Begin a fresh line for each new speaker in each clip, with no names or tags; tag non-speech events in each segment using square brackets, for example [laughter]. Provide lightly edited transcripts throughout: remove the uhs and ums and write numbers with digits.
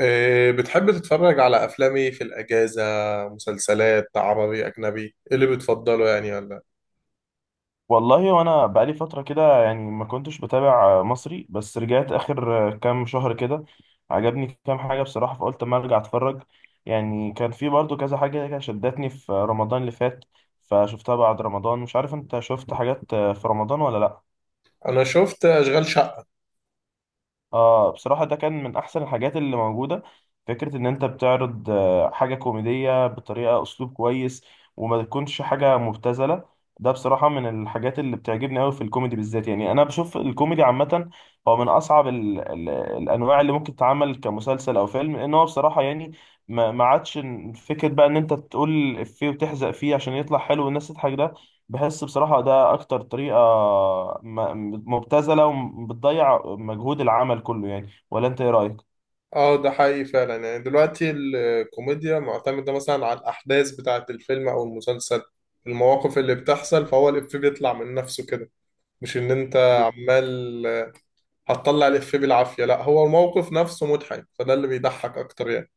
إيه، بتحب تتفرج على أفلام إيه في الأجازة؟ مسلسلات عربي أجنبي؟ إيه اللي بتفضله يعني ولا؟
والله وانا بقالي فتره كده يعني ما كنتش بتابع مصري، بس رجعت اخر كام شهر كده عجبني كام حاجه بصراحه، فقلت ما ارجع اتفرج. يعني كان في برضو كذا حاجه كده شدتني في رمضان اللي فات، فشفتها بعد رمضان. مش عارف انت شفت حاجات في رمضان ولا لا؟
أنا شفت أشغال شقة.
اه بصراحة ده كان من أحسن الحاجات اللي موجودة. فكرة إن أنت بتعرض حاجة كوميدية بطريقة أسلوب كويس وما تكونش حاجة مبتذلة، ده بصراحة من الحاجات اللي بتعجبني أوي في الكوميدي بالذات. يعني أنا بشوف الكوميدي عامة هو من أصعب ال الأنواع اللي ممكن تتعمل كمسلسل أو فيلم، لأن هو بصراحة يعني ما عادش فكرة بقى إن أنت تقول إفيه وتحزق فيه عشان يطلع حلو والناس تضحك، ده بحس بصراحة ده أكتر طريقة مبتذلة وبتضيع مجهود العمل كله. يعني ولا أنت إيه رأيك؟
أه ده حقيقي فعلا، يعني دلوقتي الكوميديا معتمدة مثلا على الأحداث بتاعة الفيلم أو المسلسل، المواقف اللي بتحصل، فهو الإفيه بيطلع من نفسه كده. مش إن أنت
ب-
عمال هتطلع الإفيه بالعافية، لا هو الموقف نفسه مضحك، فده اللي بيضحك أكتر يعني.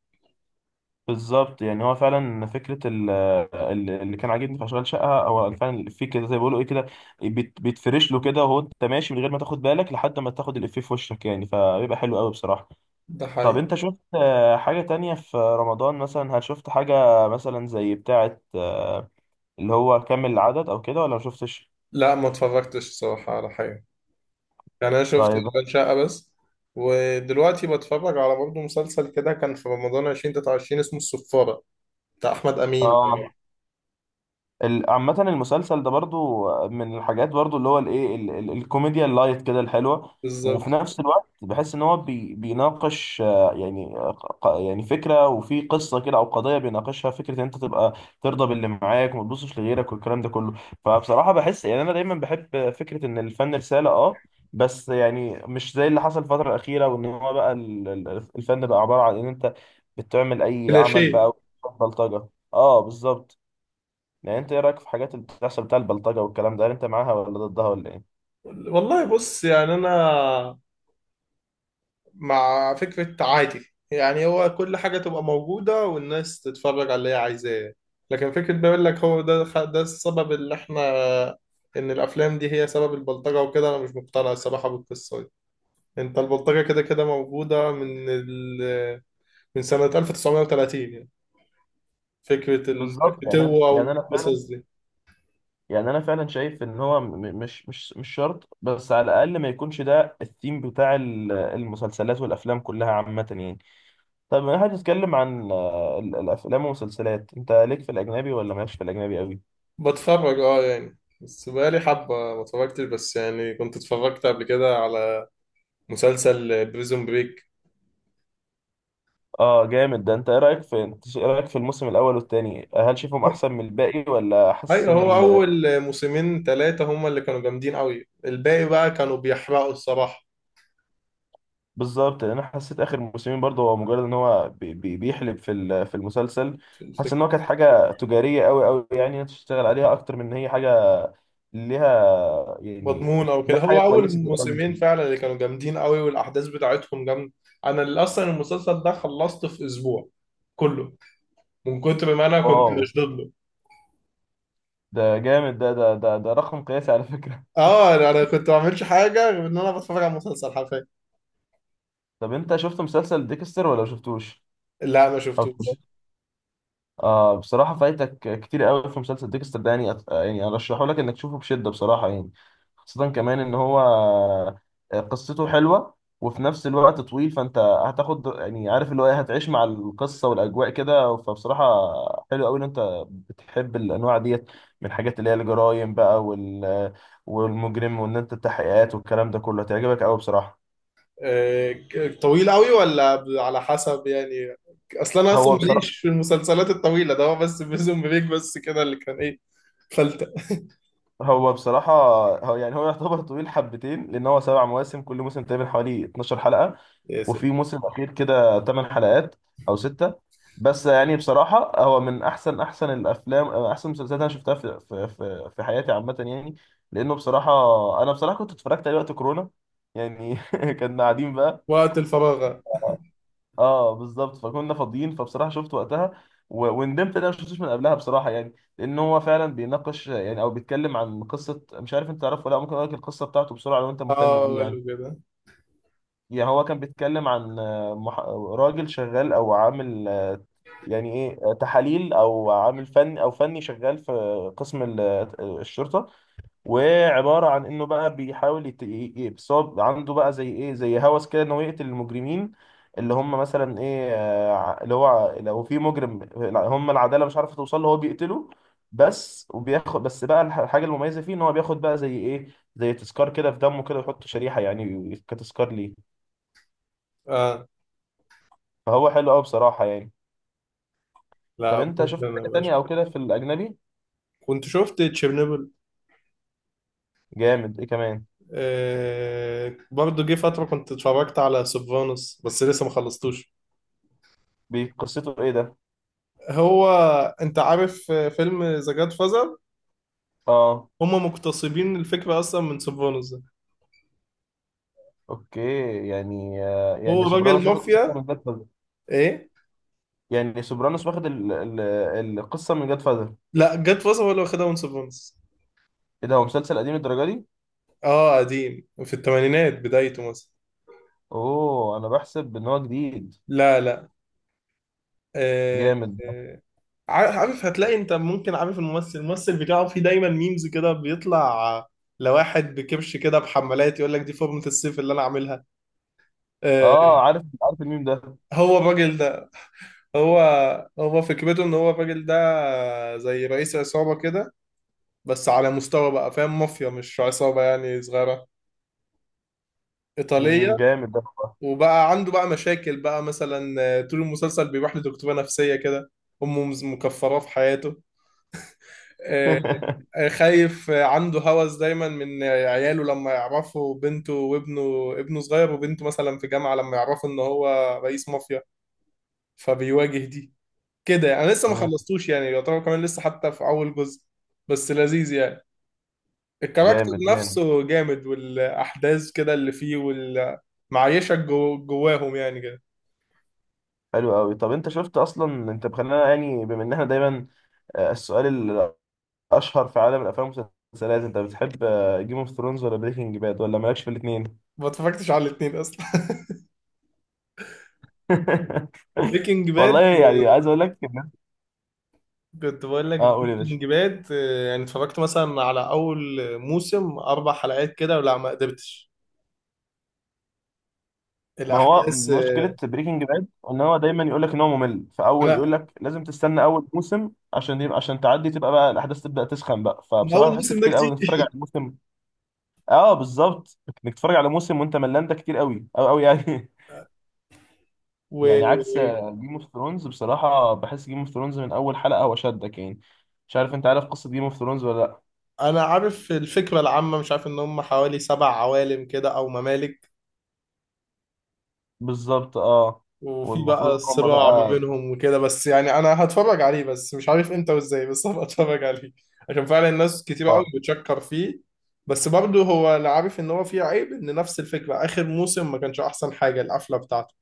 بالظبط، يعني هو فعلا فكرة اللي كان عاجبني في أشغال شقة هو فعلا في كده زي ما بيقولوا إيه كده بيتفرش له كده، وهو أنت ماشي من غير ما تاخد بالك لحد ما تاخد الإفيه في وشك، يعني فبيبقى حلو قوي بصراحة.
ده
طب
حقيقي.
أنت شفت حاجة تانية في رمضان مثلا؟ هل شفت حاجة مثلا زي بتاعة اللي هو كامل العدد أو كده ولا ما شفتش؟
لا ما اتفرجتش الصراحة على حاجة، يعني انا شفت
طيب.
اشغال شقه بس. ودلوقتي بتفرج على برضه مسلسل كده كان في رمضان 2023 اسمه الصفاره، بتاع احمد امين.
اه عامة المسلسل ده برضو من الحاجات برضو اللي هو الايه الكوميديا اللايت كده الحلوة. وفي
بالظبط.
نفس الوقت بحس ان هو بيناقش يعني يعني فكرة وفي قصة كده او قضية بيناقشها، فكرة ان انت تبقى ترضى باللي معاك وما تبصش لغيرك والكلام ده كله. فبصراحة بحس يعني انا دايما بحب فكرة ان الفن رسالة، اه بس يعني مش زي اللي حصل الفترة الأخيرة، وإن هو بقى الفن بقى عبارة عن إن أنت بتعمل أي عمل
كلاشيه.
بقى. بلطجة. اه بالظبط. يعني انت ايه رايك في حاجات اللي بتحصل بتاع البلطجه والكلام ده؟ هل انت معاها ولا ضدها ولا ايه؟
والله بص يعني انا مع فكره عادي، يعني هو كل حاجه تبقى موجوده والناس تتفرج على اللي هي عايزاه، لكن فكره بيقول لك هو ده ده السبب اللي احنا ان الافلام دي هي سبب البلطجه وكده، انا مش مقتنع الصراحه بالقصه دي. انت البلطجه كده كده موجوده من سنة 1930 يعني، فكرة
بالظبط،
الفتوة
يعني انا فعلا،
والقصص دي.
يعني انا فعلا شايف ان هو مش شرط، بس على الاقل ما يكونش ده الثيم بتاع المسلسلات والافلام كلها عامه يعني. طب انا هتتكلم عن الافلام والمسلسلات، انت ليك في الاجنبي ولا مالكش في الاجنبي قوي؟
بتفرج اه يعني، بس بقالي حبة ما اتفرجتش، بس يعني كنت اتفرجت قبل كده على مسلسل بريزون بريك.
اه جامد ده. انت ايه رايك في، انت ايه رايك في الموسم الاول والثاني؟ هل شايفهم احسن من الباقي ولا حاسس
ايوه هو
ان؟
أول موسمين ثلاثة هما اللي كانوا جامدين قوي، الباقي بقى كانوا بيحرقوا الصراحة.
بالظبط، لان انا حسيت اخر موسمين برضه هو مجرد ان هو بيحلب في في المسلسل.
في
حاسس
الفكرة
ان هو كانت حاجه تجاريه قوي قوي، يعني إنها تشتغل عليها اكتر من ان هي حاجه ليها يعني
مضمون أو
إنها
كده،
حاجه
هو أول
كويسه تبقى في
موسمين
المسلسل.
فعلا اللي كانوا جامدين قوي والأحداث بتاعتهم جامدة. أنا اللي أصلا المسلسل ده خلصته في أسبوع كله، من كتر ما أنا كنت
واو،
مشدود.
ده جامد. ده رقم قياسي على فكره.
اه أنا كنت ما بعملش حاجه غير ان انا بتفرج على مسلسل حرفيا.
طب انت شفت مسلسل ديكستر ولا ما شفتوش؟
لا ما شفتوش.
آه بصراحة فايتك كتير قوي في مسلسل ديكستر ده، يعني يعني أرشحه لك إنك تشوفه بشدة بصراحة يعني، خاصة كمان إن هو قصته حلوة وفي نفس الوقت طويل، فأنت هتاخد يعني عارف اللي هو إيه، هتعيش مع القصة والأجواء كده، فبصراحة حلو قوي إن أنت بتحب الأنواع ديت من الحاجات اللي هي الجرايم بقى وال والمجرم، وإن أنت التحقيقات والكلام ده كله هتعجبك قوي بصراحة.
طويل قوي ولا ب- على حسب يعني. اصلا انا
هو بصراحة
ماليش في المسلسلات الطويله، ده هو بس بريزون بريك بس كده اللي كان ايه، فلتة.
هو بصراحة هو يعتبر طويل حبتين، لأن هو سبع مواسم، كل موسم تقريبا حوالي 12 حلقة،
يا سيدي.
وفي موسم أخير كده 8 حلقات أو 6. بس يعني بصراحة هو من أحسن أحسن الأفلام، أحسن المسلسلات أنا شفتها في حياتي عامة يعني، لأنه بصراحة، أنا بصراحة كنت اتفرجت عليه وقت كورونا. يعني [laughs] كنا قاعدين بقى.
وقت الفراغ.
اه بالظبط، فكنا فاضيين، فبصراحه شفت وقتها وندمت ان انا ما شفتوش من قبلها بصراحه، يعني لان هو فعلا بيناقش يعني او بيتكلم عن قصه. مش عارف انت تعرفه ولا لأ، ممكن اقول لك القصه بتاعته بسرعه لو انت مهتم
اه
بيه يعني.
ولا كده.
يعني هو كان بيتكلم عن راجل شغال او عامل يعني ايه تحاليل، او عامل فني، او فني شغال في قسم الشرطه، وعبارة عن انه بقى بيحاول بس هو عنده بقى زي ايه، زي هوس كده انه يقتل المجرمين اللي هم مثلا ايه اللي هو لو في مجرم هم العدالة مش عارفة توصل له، هو بيقتله بس. وبياخد بس بقى الحاجة المميزة فيه ان هو بياخد بقى زي ايه، زي تذكار كده، في دمه كده، ويحط شريحة يعني كتذكار ليه.
اه.
فهو حلو قوي بصراحة يعني. طب
لا
انت
ممكن
شفت
انا
حاجة
أبقى
تانية او
أشوف.
كده في الأجنبي؟
كنت شفت تشيرنوبل.
جامد، ايه كمان؟
آه برضه جه فترة كنت اتفرجت على سوبرانوس بس لسه ما خلصتوش.
قصته ايه ده؟
هو انت عارف فيلم ذا جاد؟
اه.
هم مقتصبين الفكرة أصلا من سيفانوس ده.
اوكي. يعني يعني
هو راجل
سوبرانوس واخد حتة
مافيا.
من ده.
إيه؟
يعني سوبرانوس واخد القصه من جاد فاذر.
لا جت فترة ولا واخدها من سيفانوس.
ايه ده، هو مسلسل قديم الدرجه دي؟
آه قديم في الثمانينات بدايته مثلا.
اوه انا بحسب ان هو جديد.
لا لا. آه.
جامد.
آه عارف عارف، هتلاقي أنت ممكن عارف الممثل، الممثل بتاعه في دايما ميمز كده بيطلع لواحد بكبش كده بحمالات، يقول لك دي فورمة السيف اللي أنا عاملها. آه.
اه عارف عارف الميم ده.
هو الراجل ده، هو، هو فكرته إن هو الراجل ده زي رئيس عصابة كده، بس على مستوى بقى فاهم، مافيا مش عصابة يعني صغيرة،
مم،
إيطالية.
جامد ده والله.
وبقى عنده بقى مشاكل بقى مثلا، طول المسلسل بيروح لدكتورة نفسية كده. أمه مكفراه في حياته. آه،
[laughs]
خايف، عنده هوس دايما من عياله لما يعرفوا، بنته وابنه، ابنه صغير وبنته مثلا في جامعة، لما يعرفوا إن هو رئيس مافيا، فبيواجه دي كده يعني. أنا لسه ما
مم،
خلصتوش يعني، يعتبر كمان لسه حتى في أول جزء، بس لذيذ يعني. الكاركتر
جامد جامد.
نفسه جامد والأحداث كده اللي فيه وال... معيشك جو جواهم يعني.
حلو قوي. طب انت شفت اصلا، انت بخلينا يعني بما ان احنا دايما السؤال الاشهر في عالم الافلام والمسلسلات، انت بتحب جيم اوف ثرونز ولا بريكنج باد ولا مالكش في الاثنين؟
ما اتفرجتش على الاثنين اصلا [laughs]
[laughs]
بريكنج
والله
باد،
يعني عايز اقول لك
كنت بقول لك
اه قول يا باشا.
بريكنج باد، يعني اتفرجت مثلا على اول موسم اربع حلقات كده ولا ما قدرتش،
ما هو
الاحداث
مشكلة بريكنج باد ان هو دايما يقول لك ان هو ممل في اول، يقول
انا
لك لازم تستنى اول موسم عشان يبقى، عشان تعدي تبقى بقى الاحداث تبدأ تسخن بقى،
من
فبصراحة
اول
بحس
موسم ده
كتير قوي
كتير
انك تتفرج على
[laughs]
موسم. اه بالظبط، انك تتفرج على موسم وانت ملان ده كتير قوي قوي قوي يعني. [laughs] يعني عكس
وانا
جيم اوف ثرونز. بصراحة بحس جيم اوف ثرونز من اول حلقة هو شدك يعني. مش عارف انت عارف قصة جيم اوف ثرونز ولا لا؟
عارف الفكره العامه، مش عارف ان هم حوالي سبع عوالم كده او ممالك،
بالظبط اه.
وفي بقى
والمفروض ان هم
الصراع ما
بقى
بينهم وكده، بس يعني انا هتفرج عليه بس مش عارف امتى وازاي، بس هبقى اتفرج عليه عشان فعلا الناس كتير قوي
آه.
بتشكر فيه. بس برضه هو انا عارف ان هو فيه عيب، ان نفس الفكره اخر موسم ما كانش احسن حاجه القفله بتاعته.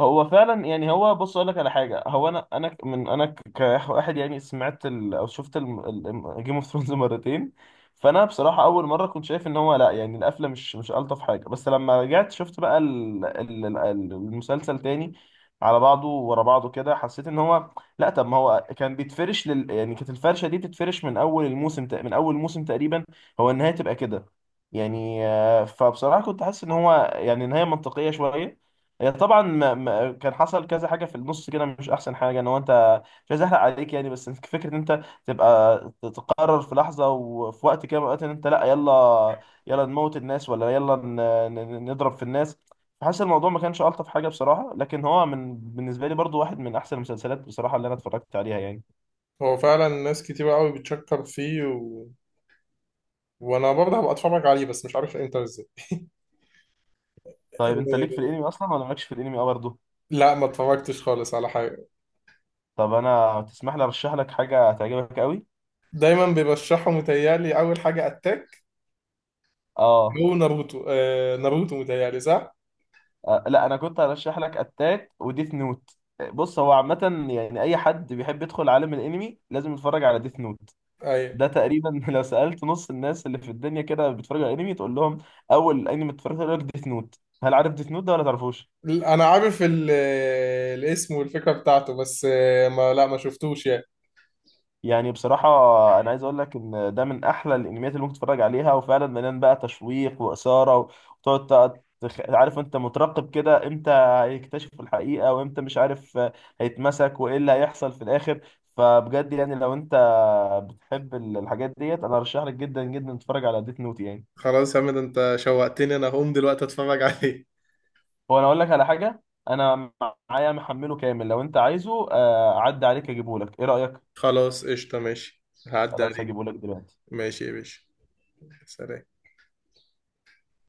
هو فعلا يعني هو، بص اقول لك على حاجه، هو انا كواحد يعني سمعت ال او شفت جيم اوف ثرونز [laughs] مرتين، فانا بصراحه اول مره كنت شايف ان هو لا، يعني القفله مش مش الطف حاجه، بس لما رجعت شفت بقى ال المسلسل تاني على بعضه ورا بعضه كده، حسيت ان هو لا، طب ما هو كان بيتفرش لل يعني، كانت الفرشه دي بتتفرش من اول الموسم من اول موسم تقريبا هو النهايه تبقى كده. يعني فبصراحه كنت حاسس ان هو يعني نهايه منطقيه شويه. هي طبعا ما كان حصل كذا حاجه في النص كده مش احسن حاجه، ان هو انت مش عايز احرق عليك يعني، بس فكره ان انت تبقى تقرر في لحظه وفي وقت كده من الأوقات ان انت لا، يلا يلا نموت الناس، ولا يلا نضرب في الناس. فحاسس الموضوع ما كانش الطف حاجه بصراحه، لكن هو من بالنسبه لي برضو واحد من احسن المسلسلات بصراحه اللي انا اتفرجت عليها يعني.
هو فعلا ناس كتير قوي بتشكر فيه، و... وانا برضه هبقى اتفرج عليه بس مش عارف امتى وازاي.
طيب انت ليك في
إيه،
الانمي اصلا ولا مالكش في الانمي؟ اه برضه.
لا ما اتفرجتش خالص على حاجه.
طب انا تسمح لي ارشح لك حاجه هتعجبك قوي؟
دايما بيرشحوا متهيألي اول حاجه اتاك، او
اه.
ناروتو، ناروتو متهيألي صح؟
لا انا كنت هرشح لك اتاك وديث نوت. بص هو عامة يعني اي حد بيحب يدخل عالم الانمي لازم يتفرج على ديث نوت.
ايوه
ده تقريبا [laughs] لو سألت نص الناس اللي في الدنيا كده بيتفرجوا على انمي تقول لهم اول انمي اتفرجت عليه، يقول لك ديث نوت. هل عارف ديث نوت ده ولا تعرفوش؟
انا عارف ال- الاسم والفكره بتاعته بس، ما شفتوش يعني.
يعني بصراحة أنا عايز أقول لك إن ده من أحلى الأنميات اللي ممكن تتفرج عليها، وفعلا مليان بقى تشويق وإثارة، وتقعد عارف أنت مترقب كده، إمتى هيكتشف الحقيقة وإمتى مش عارف هيتمسك، وإيه اللي هيحصل في الآخر. فبجد يعني لو أنت بتحب الحاجات ديت أنا أرشح لك جدا جدا تتفرج على ديت نوت يعني.
خلاص يا حمد انت شوقتني، انا هقوم دلوقتي اتفرج عليه.
هو أنا أقول لك على حاجة، أنا معايا محمله كامل لو أنت عايزه، أعدي عليك أجيبه لك، إيه رأيك؟
خلاص قشطه، ماشي هعدي
خلاص
عليك.
هجيبه لك دلوقتي.
ماشي يا باشا. سلام.